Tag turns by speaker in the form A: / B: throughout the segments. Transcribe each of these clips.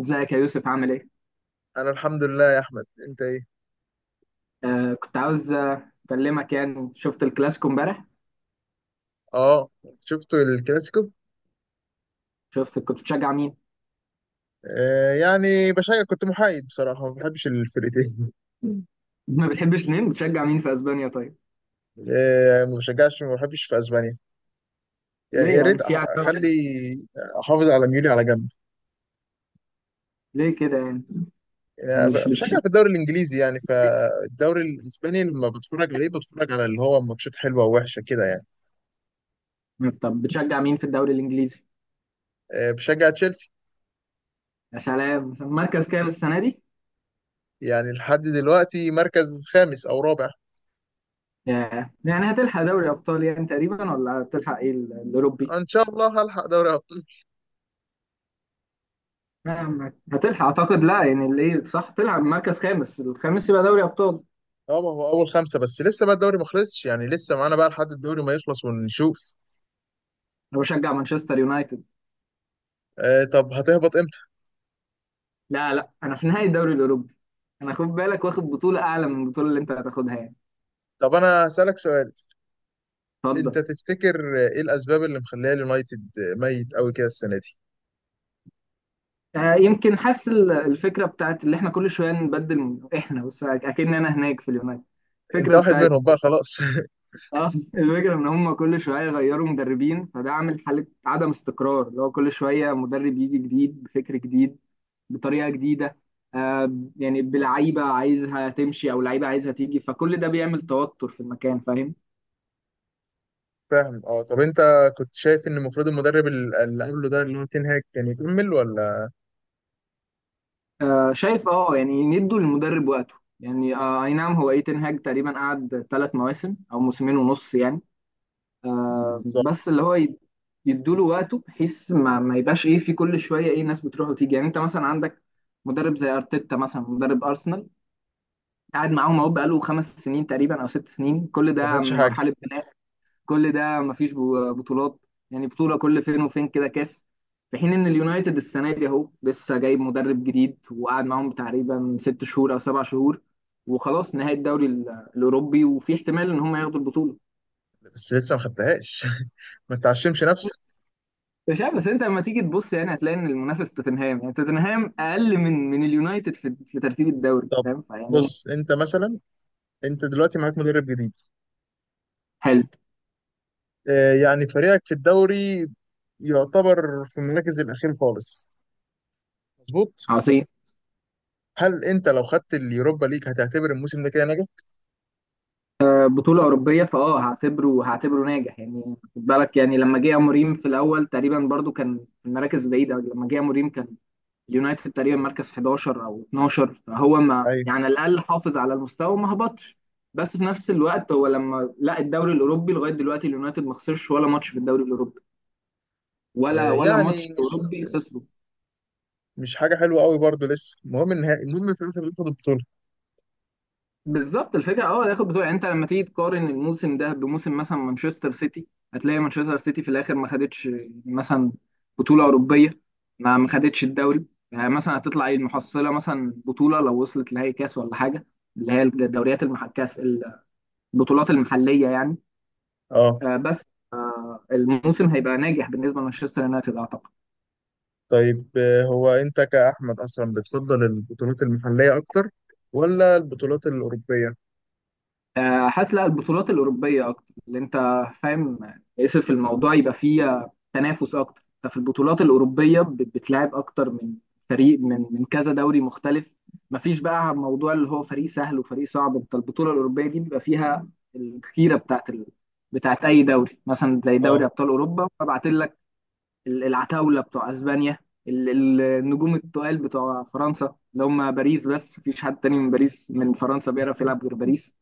A: ازيك يا يوسف، عامل ايه؟
B: انا الحمد لله يا احمد، انت ايه؟
A: كنت عاوز، اكلمك. يعني شفت الكلاسيكو امبارح؟
B: اه، شفت الكلاسيكو.
A: شفت، كنت بتشجع مين؟
B: يعني بشجع، كنت محايد بصراحه، ما بحبش الفرقتين.
A: ما بتحبش مين؟ بتشجع مين في اسبانيا طيب؟
B: ما بشجعش، ما بحبش في اسبانيا.
A: ليه
B: يعني يا
A: يا عم،
B: ريت
A: في عداوة؟
B: اخلي، احافظ على ميولي على جنب.
A: ليه كده يعني؟
B: يعني
A: مش
B: أنا
A: مش
B: بشجع في الدوري الانجليزي، يعني فالدوري الاسباني لما بتفرج عليه بتفرج على اللي هو ماتشات حلوه ووحشه كده يعني.
A: طب بتشجع مين في الدوري الانجليزي؟
B: آه، بشجع تشيلسي.
A: يا سلام، مركز كام السنة دي؟
B: يعني لحد دلوقتي مركز خامس او رابع.
A: ياه. يعني هتلحق دوري ابطال يعني تقريبا، ولا هتلحق ايه الاوروبي؟
B: ان شاء الله هلحق دوري.
A: هتلحق اعتقد، لا يعني اللي إيه، صح، تلعب مركز الخامس يبقى دوري ابطال.
B: اه، ما هو اول خمسه، بس لسه بقى الدوري ما خلصش، يعني لسه معانا بقى لحد الدوري ما يخلص ونشوف.
A: انا بشجع مانشستر يونايتد.
B: آه طب هتهبط امتى؟
A: لا لا، انا في نهائي الدوري الاوروبي. انا خد بالك، واخد بطوله اعلى من البطوله اللي انت هتاخدها يعني.
B: طب انا هسألك سؤال.
A: اتفضل.
B: انت تفتكر ايه الاسباب اللي مخليه اليونايتد ميت قوي كده السنه دي؟
A: يمكن حاسس الفكره بتاعت اللي احنا كل شويه نبدل، من احنا بس اكن انا هناك في اليونايتد.
B: انت
A: الفكره
B: واحد
A: بتاعت
B: منهم بقى خلاص.
A: اه. الفكره ان هم كل شويه يغيروا مدربين، فده عامل حاله عدم استقرار، اللي هو كل شويه مدرب يجي جديد بفكر جديد، بطريقه جديده. يعني بلعيبه عايزها تمشي او لعيبه عايزها تيجي، فكل ده بيعمل توتر في المكان، فاهم.
B: فاهم اه. طب انت كنت شايف ان المفروض المدرب اللي قبله ده اللي هو تين هاج كان يكمل ولا؟
A: شايف. اه يعني ندوا للمدرب وقته، يعني اي نعم، هو ايتن هاج تقريبا قعد 3 مواسم او موسمين ونص يعني.
B: بالظبط.
A: بس اللي هو يدوا له وقته، بحيث ما يبقاش ايه في كل شويه ايه ناس بتروح وتيجي. يعني انت مثلا عندك مدرب زي ارتيتا مثلا، مدرب ارسنال، قاعد معاهم اهو بقاله 5 سنين تقريبا او 6 سنين، كل
B: ما
A: ده
B: خدش حاجه.
A: مرحله بناء. كل ده مفيش بطولات. يعني بطولة كل فين وفين كده كاس. في حين ان اليونايتد السنة دي اهو لسه جايب مدرب جديد، وقعد معاهم تقريبا 6 شهور او 7 شهور، وخلاص نهاية الدوري الاوروبي، وفي احتمال ان هم ياخدوا البطولة.
B: بس لسه ما خدتهاش. ما تعشمش نفسك.
A: مش عارف، بس انت لما تيجي تبص، يعني هتلاقي ان المنافس توتنهام، يعني توتنهام اقل من اليونايتد في ترتيب الدوري،
B: طب
A: فاهم فيعني.
B: بص انت مثلا، انت دلوقتي معاك مدرب جديد.
A: حلو.
B: يعني فريقك في الدوري يعتبر في المراكز الأخير خالص. مظبوط.
A: عظيم.
B: هل أنت لو خدت اليوروبا ليج هتعتبر الموسم ده كده ناجح؟
A: بطولة أوروبية، فأه هعتبره ناجح يعني. خد بالك، يعني لما جه أموريم في الأول تقريبا برضو كان في المراكز بعيدة، لما جه أموريم كان اليونايتد تقريبا مركز 11 أو 12، فهو ما
B: أيوه.
A: يعني على الأقل حافظ على المستوى وما هبطش. بس في نفس الوقت، هو لما لا الدوري الأوروبي لغاية دلوقتي، اليونايتد ما خسرش ولا ماتش في الدوري الأوروبي، ولا ولا ماتش
B: يعني مش
A: أوروبي خسره.
B: مش حاجة حلوة قوي برضو، لسه المهم النهائي، المهم في الآخر بتاخد البطولة.
A: بالظبط الفكره، هياخد بطوله. يعني انت لما تيجي تقارن الموسم ده بموسم مثلا مانشستر سيتي، هتلاقي مانشستر سيتي في الاخر ما خدتش مثلا بطوله اوروبيه، ما خدتش الدوري. يعني مثلا هتطلع ايه المحصله؟ مثلا بطوله، لو وصلت لهي كاس ولا حاجه، اللي هي الدوريات المحكاس، البطولات المحليه يعني.
B: أه.
A: بس الموسم هيبقى ناجح بالنسبه لمانشستر يونايتد، اعتقد.
B: طيب، هو أنت كأحمد أصلا بتفضل البطولات المحلية أكتر ولا البطولات الأوروبية؟
A: حاسس لا، البطولات الأوروبية أكتر، اللي أنت فاهم، اسف، الموضوع يبقى فيه تنافس أكتر. أنت في البطولات الأوروبية بتلعب أكتر من فريق، من كذا دوري مختلف. مفيش بقى موضوع اللي هو فريق سهل وفريق صعب. أنت البطولة الأوروبية دي بيبقى فيها الخيرة بتاعت أي دوري، مثلا زي دوري
B: أه.
A: أبطال أوروبا، فبعت لك العتاولة بتوع أسبانيا، النجوم التقال بتوع فرنسا اللي هم باريس. بس مفيش حد تاني من باريس، من فرنسا بيعرف يلعب غير باريس،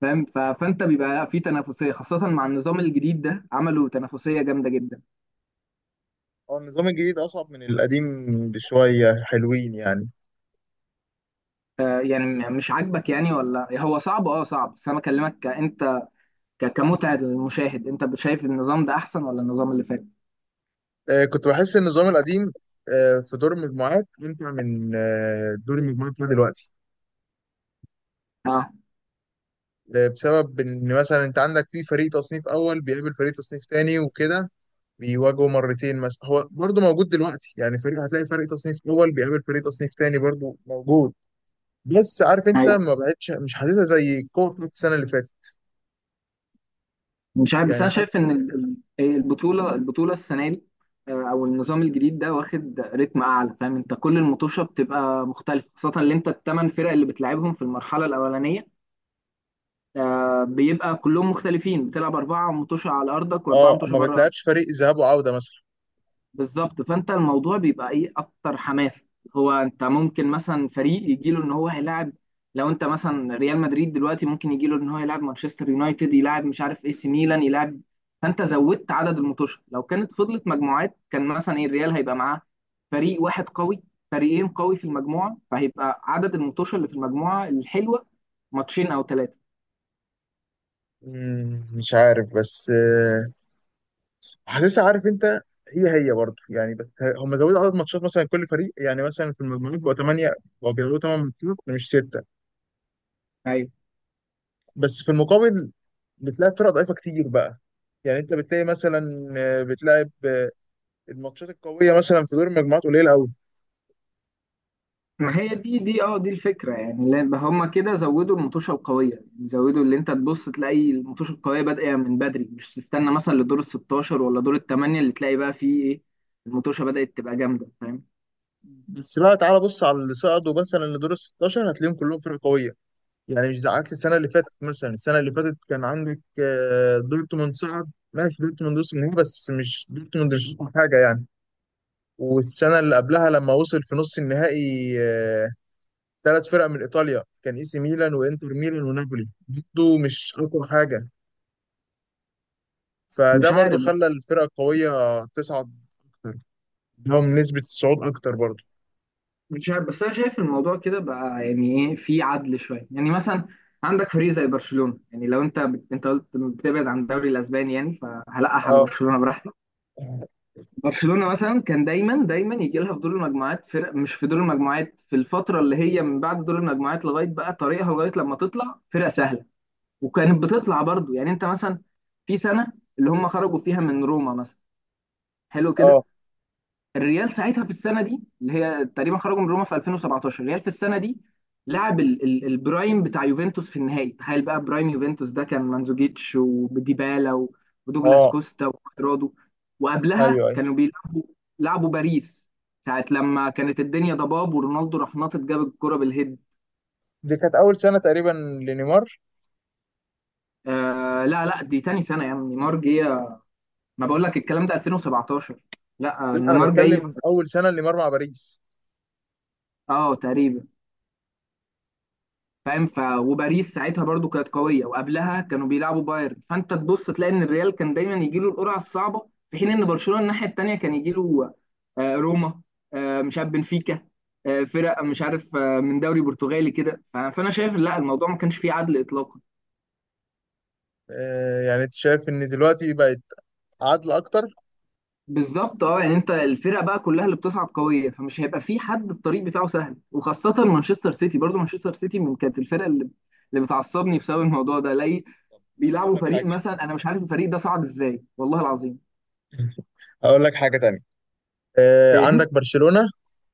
A: فاهم. فانت بيبقى لا، في تنافسيه خاصه. مع النظام الجديد ده عملوا تنافسيه جامده جدا.
B: هو النظام الجديد أصعب من القديم بشوية، حلوين يعني.
A: يعني مش عاجبك يعني ولا هو صعب؟ اه صعب، بس انا بكلمك انت كمتعه للمشاهد، انت شايف النظام ده احسن ولا النظام اللي فات؟
B: كنت بحس ان النظام القديم في دور المجموعات امتع من دور المجموعات بتاع دلوقتي.
A: اه.
B: بسبب ان مثلا انت عندك في فريق تصنيف اول بيقابل فريق تصنيف تاني وكده، بيواجهوا مرتين. مثلا هو برضه موجود دلوقتي، يعني فريق هتلاقي فريق تصنيف اول بيقابل فريق تصنيف تاني برضه موجود. بس عارف انت
A: عادي.
B: ما بقتش، مش حاسسها زي القوه بتاعت السنه اللي فاتت
A: مش عارف، بس
B: يعني
A: انا
B: حاسس.
A: شايف ان البطوله السنه دي، او النظام الجديد ده، واخد رتم اعلى، فاهم. انت كل المطوشه بتبقى مختلفه، خاصه اللي انت الثمان فرق اللي بتلعبهم في المرحله الاولانيه، بيبقى كلهم مختلفين. بتلعب أربعة متوشة على أرضك وأربعة
B: اه،
A: متوشة
B: ما
A: بره أرضك.
B: بتلعبش فريق ذهاب وعوده مثلا.
A: بالظبط، فأنت الموضوع بيبقى إيه، أكتر حماس. هو أنت ممكن مثلا فريق يجيله إن هو هيلاعب، لو أنت مثلا ريال مدريد دلوقتي ممكن يجيله إن هو يلاعب مانشستر يونايتد، يلاعب مش عارف إيه سي ميلان، يلاعب. فأنت زودت عدد المتوشة. لو كانت فضلت مجموعات، كان مثلا إيه الريال هيبقى معاه فريق واحد قوي، فريقين قوي في المجموعة، فهيبقى عدد المتوشة اللي في المجموعة الحلوة ماتشين أو ثلاثة.
B: مش عارف بس، حاسسها عارف انت، هي هي برضه يعني. بس هم زودوا عدد ماتشات مثلا كل فريق، يعني مثلا في المجموعات بقوا 8، بقوا بيلعبوا 8 ماتشات مش 6. بس في المقابل بتلاقي فرق ضعيفة كتير بقى. يعني انت بتلاقي مثلا، بتلاعب، الماتشات القوية مثلا في دور المجموعات قليلة قوي.
A: ما هي دي، دي الفكره يعني، لأن هما كده زودوا المطوشه القويه، يعني زودوا، اللي انت تبص تلاقي المطوشه القويه بادئه من بدري، مش تستنى مثلا لدور ال 16 ولا دور الثمانيه اللي تلاقي بقى فيه ايه، المطوشه بدات تبقى جامده، فاهم.
B: بس بقى تعالى بص على اللي صعدوا مثلا لدور ال 16 هتلاقيهم كلهم فرق قوية. يعني مش زي عكس السنة اللي فاتت، مثلا السنة اللي فاتت كان عندك دورتموند صعد، ماشي دورتموند وصل النهائي، بس مش دورتموند مش أقوى حاجة يعني. والسنة اللي قبلها لما وصل في نص النهائي ثلاث فرق من إيطاليا كان إيسي ميلان وإنتر ميلان ونابولي، برضه مش أقوى حاجة. فده
A: مش
B: برضه
A: عارف بقى.
B: خلى الفرقة القوية تصعد أكتر، لهم نسبة الصعود أكتر برضه.
A: مش عارف، بس انا شايف الموضوع كده بقى، يعني ايه في عدل شويه. يعني مثلا عندك فريق زي برشلونه، يعني لو انت انت قلت بتبعد عن الدوري الاسباني، يعني فهلقح على
B: اه.
A: برشلونه براحتك. برشلونة مثلا كان دايما دايما يجي لها في دور المجموعات فرق، مش في دور المجموعات، في الفترة اللي هي من بعد دور المجموعات لغاية بقى طريقها، لغاية لما تطلع فرقة سهلة. وكانت بتطلع برضو، يعني انت مثلا في سنة، اللي هم خرجوا فيها من روما مثلا، حلو كده.
B: اه.
A: الريال ساعتها في السنه دي، اللي هي تقريبا خرجوا من روما في 2017، الريال في السنه دي لعب البرايم بتاع يوفنتوس في النهائي. تخيل بقى برايم يوفنتوس، ده كان مانزوكيتش وديبالا و، ودوجلاس
B: اه.
A: كوستا وكوادرادو. وقبلها
B: ايوه ايوه.
A: كانوا بيلعبوا، لعبوا باريس، ساعة لما كانت الدنيا ضباب ورونالدو راح ناطط جاب الكرة بالهيد.
B: دي كانت أول سنة تقريبا لنيمار.
A: لا لا، دي تاني سنة يا عم، نيمار جه، ما بقول لك الكلام ده 2017. لا،
B: لا، أنا
A: نيمار جاي
B: بتكلم
A: في،
B: أول سنة لنيمار مع باريس.
A: اه تقريبا، فاهم. وباريس ساعتها برضو كانت قويه، وقبلها كانوا بيلعبوا بايرن. فانت تبص تلاقي ان الريال كان دايما يجي له القرعه الصعبه، في حين ان برشلونه الناحيه التانيه كان يجي له روما، مش عارف، بنفيكا، فرق مش عارف من دوري برتغالي كده. فانا شايف لا، الموضوع ما كانش فيه عدل اطلاقا.
B: يعني أنت شايف إن دلوقتي بقت عادلة أكتر.
A: بالظبط، يعني انت الفرق بقى كلها اللي بتصعد قويه، فمش هيبقى في حد الطريق بتاعه سهل، وخاصه مانشستر سيتي. برضو مانشستر سيتي من كانت الفرق اللي اللي بتعصبني بسبب الموضوع ده، الاقي
B: طب ما أنا هقول
A: بيلعبوا
B: لك
A: فريق
B: حاجة،
A: مثلا انا مش عارف الفريق ده صعد ازاي، والله العظيم.
B: هقول لك حاجة تانية.
A: ايه.
B: عندك برشلونة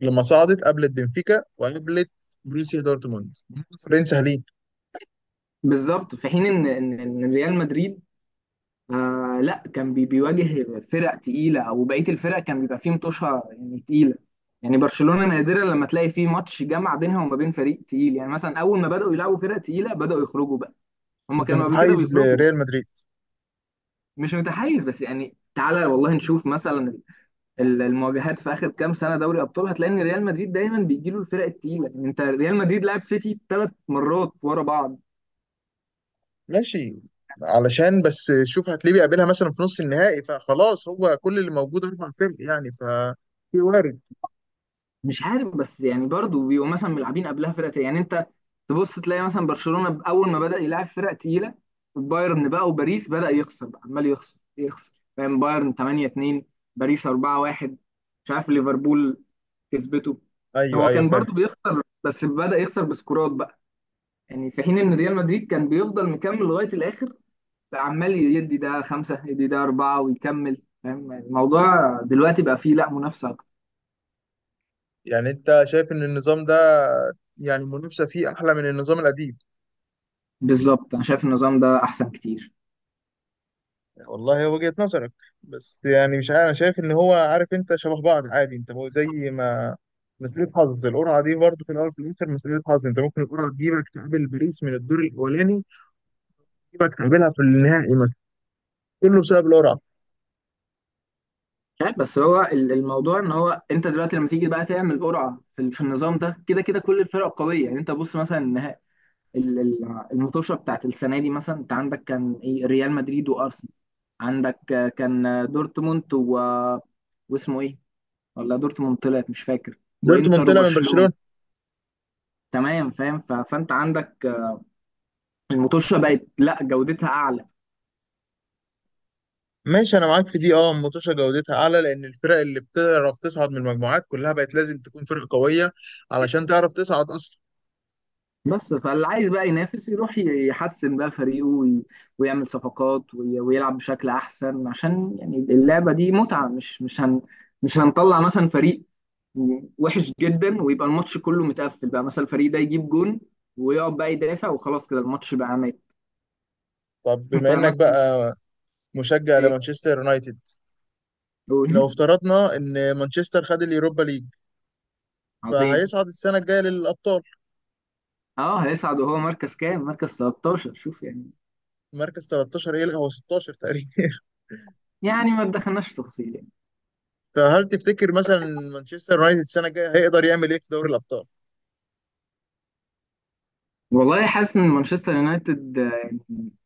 B: لما صعدت قابلت بنفيكا وقابلت بروسيا دورتموند، فرنسا ليه.
A: بالظبط، في حين ان ان إن ريال مدريد، لا كان بيواجه فرق تقيله، او بقيه الفرق كان بيبقى فيه متوشه يعني تقيله. يعني برشلونه نادرا لما تلاقي فيه ماتش جمع بينها وما بين فريق تقيل. يعني مثلا اول ما بداوا يلعبوا فرق تقيله بداوا يخرجوا بقى، هم
B: انت
A: كانوا قبل كده
B: متحيز
A: بيخرجوا.
B: لريال مدريد.
A: مش متحيز، بس يعني تعالى والله نشوف مثلا المواجهات في اخر كام سنه دوري ابطال، هتلاقي ان ريال مدريد دايما بيجي له الفرق التقيله. يعني انت ريال مدريد لعب سيتي 3 مرات ورا بعض.
B: ماشي، علشان بس شوف هتلاقيه بيقابلها مثلا في نص النهائي، فخلاص هو كل اللي موجود اربع فرق يعني، ف في وارد.
A: مش عارف، بس يعني برضه بيبقوا مثلا ملعبين قبلها فرق تقيله. يعني انت تبص تلاقي مثلا برشلونه اول ما بدا يلعب فرق تقيله، بايرن بقى وباريس، بدا يخسر بقى، عمال يخسر يخسر، فاهم. بايرن 8 2، باريس 4 1، مش عارف ليفربول كسبته.
B: ايوه
A: هو
B: ايوه
A: كان
B: فاهم.
A: برضه بيخسر، بس بدا يخسر بسكورات بقى. يعني في حين ان ريال مدريد كان بيفضل مكمل لغايه الاخر، عمال يدي ده خمسة يدي ده أربعة ويكمل، فاهم. الموضوع دلوقتي بقى فيه لا منافسة أكتر.
B: يعني انت شايف ان النظام ده، يعني المنافسه فيه احلى من النظام القديم.
A: بالظبط، أنا شايف النظام ده أحسن كتير.
B: والله هي وجهة نظرك، بس يعني مش عارف، انا شايف ان هو، عارف انت، شبه بعض عادي، انت هو زي ما، مسؤولية حظ القرعة دي برضه في الاول وفي الاخر مسؤولية حظ. انت ممكن القرعة تجيبك تقابل باريس من الدور الاولاني، تجيبك تقابلها في النهائي مثلا، كله بسبب القرعة.
A: مش عارف، بس هو الموضوع إن هو أنت دلوقتي لما تيجي بقى تعمل قرعة في في النظام ده، كده كده كل الفرق قوية. يعني أنت بص مثلا المطوشة بتاعت السنة دي، مثلا أنت عندك كان إيه ريال مدريد وأرسنال، عندك كان دورتموند واسمه إيه، ولا دورتموند طلعت مش فاكر،
B: دورتموند
A: وإنتر
B: طلع من
A: وبرشلونة.
B: برشلونة.
A: تمام، فاهم. فأنت عندك المطوشه بقت لا جودتها اعلى.
B: ماشي، انا معاك في دي. اه الماتشة جودتها اعلى، لان الفرق اللي بتعرف تصعد من المجموعات كلها بقت لازم تكون فرق قوية علشان تعرف تصعد اصلا.
A: بس فاللي عايز بقى ينافس يروح يحسن بقى فريقه ويعمل صفقات ويلعب بشكل احسن، عشان يعني اللعبه دي متعه. مش هنطلع مثلا فريق وحش جدا ويبقى الماتش كله متقفل بقى، مثلا الفريق ده يجيب جون ويقعد بقى يدافع وخلاص، كده الماتش بقى مات.
B: طب
A: انت
B: بما انك
A: مثلا.
B: بقى مشجع
A: ايه.
B: لمانشستر يونايتد،
A: قول.
B: لو افترضنا ان مانشستر خد اليوروبا ليج
A: عظيم.
B: فهيصعد السنة الجاية للأبطال.
A: اه هيصعد، وهو مركز كام؟ مركز 13 شوف يعني.
B: مركز 13 يلغى، هو 16 تقريبا.
A: يعني ما دخلناش في تفاصيل يعني.
B: فهل تفتكر مثلا مانشستر يونايتد السنة الجاية هيقدر يعمل إيه في دوري الأبطال؟
A: والله حاسس ان مانشستر يونايتد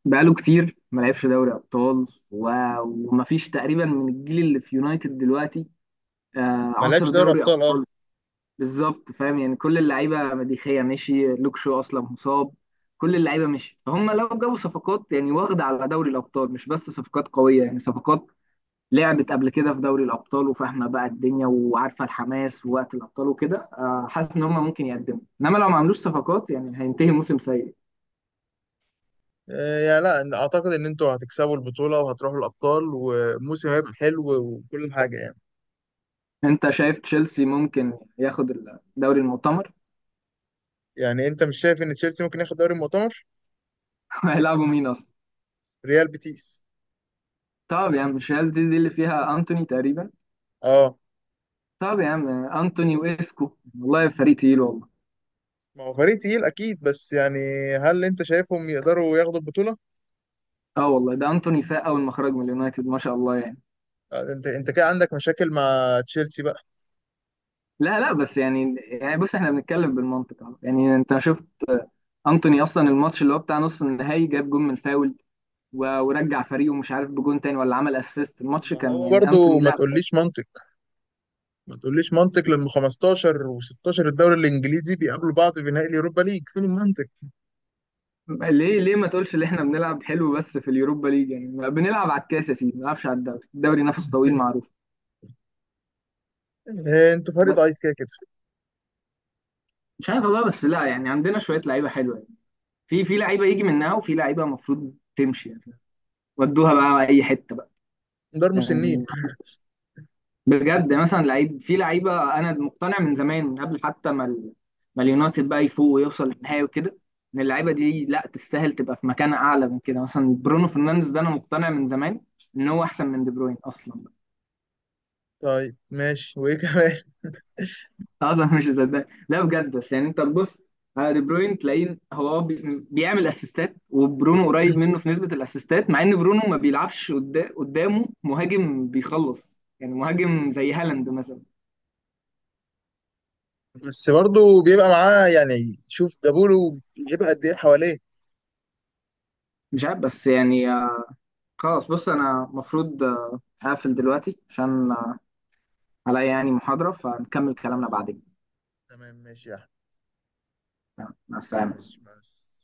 A: بقاله كتير ما لعبش دوري ابطال، و- ومفيش تقريبا من الجيل اللي في يونايتد دلوقتي
B: ما لعبش
A: عصر
B: دوري
A: دوري
B: أبطال أه.
A: ابطال. بالظبط، فاهم. يعني كل اللعيبه مديخيه، مشي، لوك شو اصلا مصاب، كل اللعيبه مشي. فهم لو جابوا صفقات، يعني واخده على دوري الابطال، مش بس صفقات قويه، يعني صفقات لعبت قبل كده في دوري الابطال وفاهمه بقى الدنيا وعارفه الحماس ووقت الابطال وكده، حاسس ان هم ممكن يقدموا، انما لو ما عملوش صفقات، يعني هينتهي موسم سيء.
B: يعني لا، أعتقد إن أنتوا هتكسبوا البطولة وهتروحوا الأبطال والموسم هيبقى حلو وكل حاجة يعني.
A: انت شايف تشيلسي ممكن ياخد الدوري المؤتمر؟
B: يعني أنت مش شايف إن تشيلسي ممكن ياخد دوري المؤتمر؟
A: هيلعبوا مين اصلا؟
B: ريال بيتيس.
A: طب يا عم مش هل دي اللي فيها انتوني تقريبا؟
B: أه.
A: طب يا عم، انتوني واسكو، والله فريق تقيل والله.
B: ما هو فريق تقيل أكيد، بس يعني هل أنت شايفهم يقدروا ياخدوا البطولة؟
A: اه والله، ده انتوني فاق اول ما خرج من اليونايتد ما شاء الله يعني.
B: أنت كده عندك مشاكل مع تشيلسي بقى.
A: لا لا، بس يعني بص، احنا بنتكلم بالمنطق اهو، يعني انت شفت انتوني اصلا الماتش اللي هو بتاع نص النهائي، جاب جون من فاول ورجع فريقه مش عارف بجون تاني ولا عمل اسيست، الماتش
B: ما
A: كان
B: هو
A: يعني
B: برضو
A: انتوني
B: ما
A: لا.
B: تقوليش منطق، ما تقوليش منطق لما 15 و16 الدوري الانجليزي بيقابلوا بعض في نهائي اليوروبا ليج، فين المنطق؟
A: ليه ليه ما تقولش ان احنا بنلعب حلو بس في اليوروبا ليج، يعني ما بنلعب على الكاس يا سيدي، ما بنلعبش على الدوري، الدوري نفس طويل معروف.
B: انتوا فريق
A: ب-
B: ضعيف كده كده.
A: مش عارف والله، بس لا يعني عندنا شويه لعيبه حلوه يعني. في في لعيبه يجي منها، وفي لعيبه المفروض تمشي يعني، ودوها بقى اي حته بقى
B: دار مسنين.
A: يعني. بجد مثلا لعيب، في لعيبه انا مقتنع من زمان، من قبل حتى ما اليونايتد بقى يفوق ويوصل للنهائي وكده، ان اللعيبه دي لا تستاهل تبقى في مكان اعلى من كده. مثلا برونو فرنانديز ده، انا مقتنع من زمان ان هو احسن من دي بروين اصلا،
B: طيب ماشي، وايه كمان؟
A: اصلا مش مصدق لا بجد. بس يعني انت تبص على دي بروين تلاقيه هو بيعمل اسيستات، وبرونو قريب منه في نسبه الاسيستات، مع ان برونو ما بيلعبش قدامه مهاجم بيخلص، يعني مهاجم زي هالاند مثلا.
B: بس برضه بيبقى معاه يعني، شوف جابوله بيبقى قد ايه حواليه.
A: مش عارف، بس يعني خلاص بص، انا المفروض هقفل دلوقتي عشان عليا يعني محاضره، فنكمل كلامنا
B: خلاص.
A: بعدين.
B: تمام ماشي يا احمد.
A: تمام، مع السلامه.
B: ماشي بس.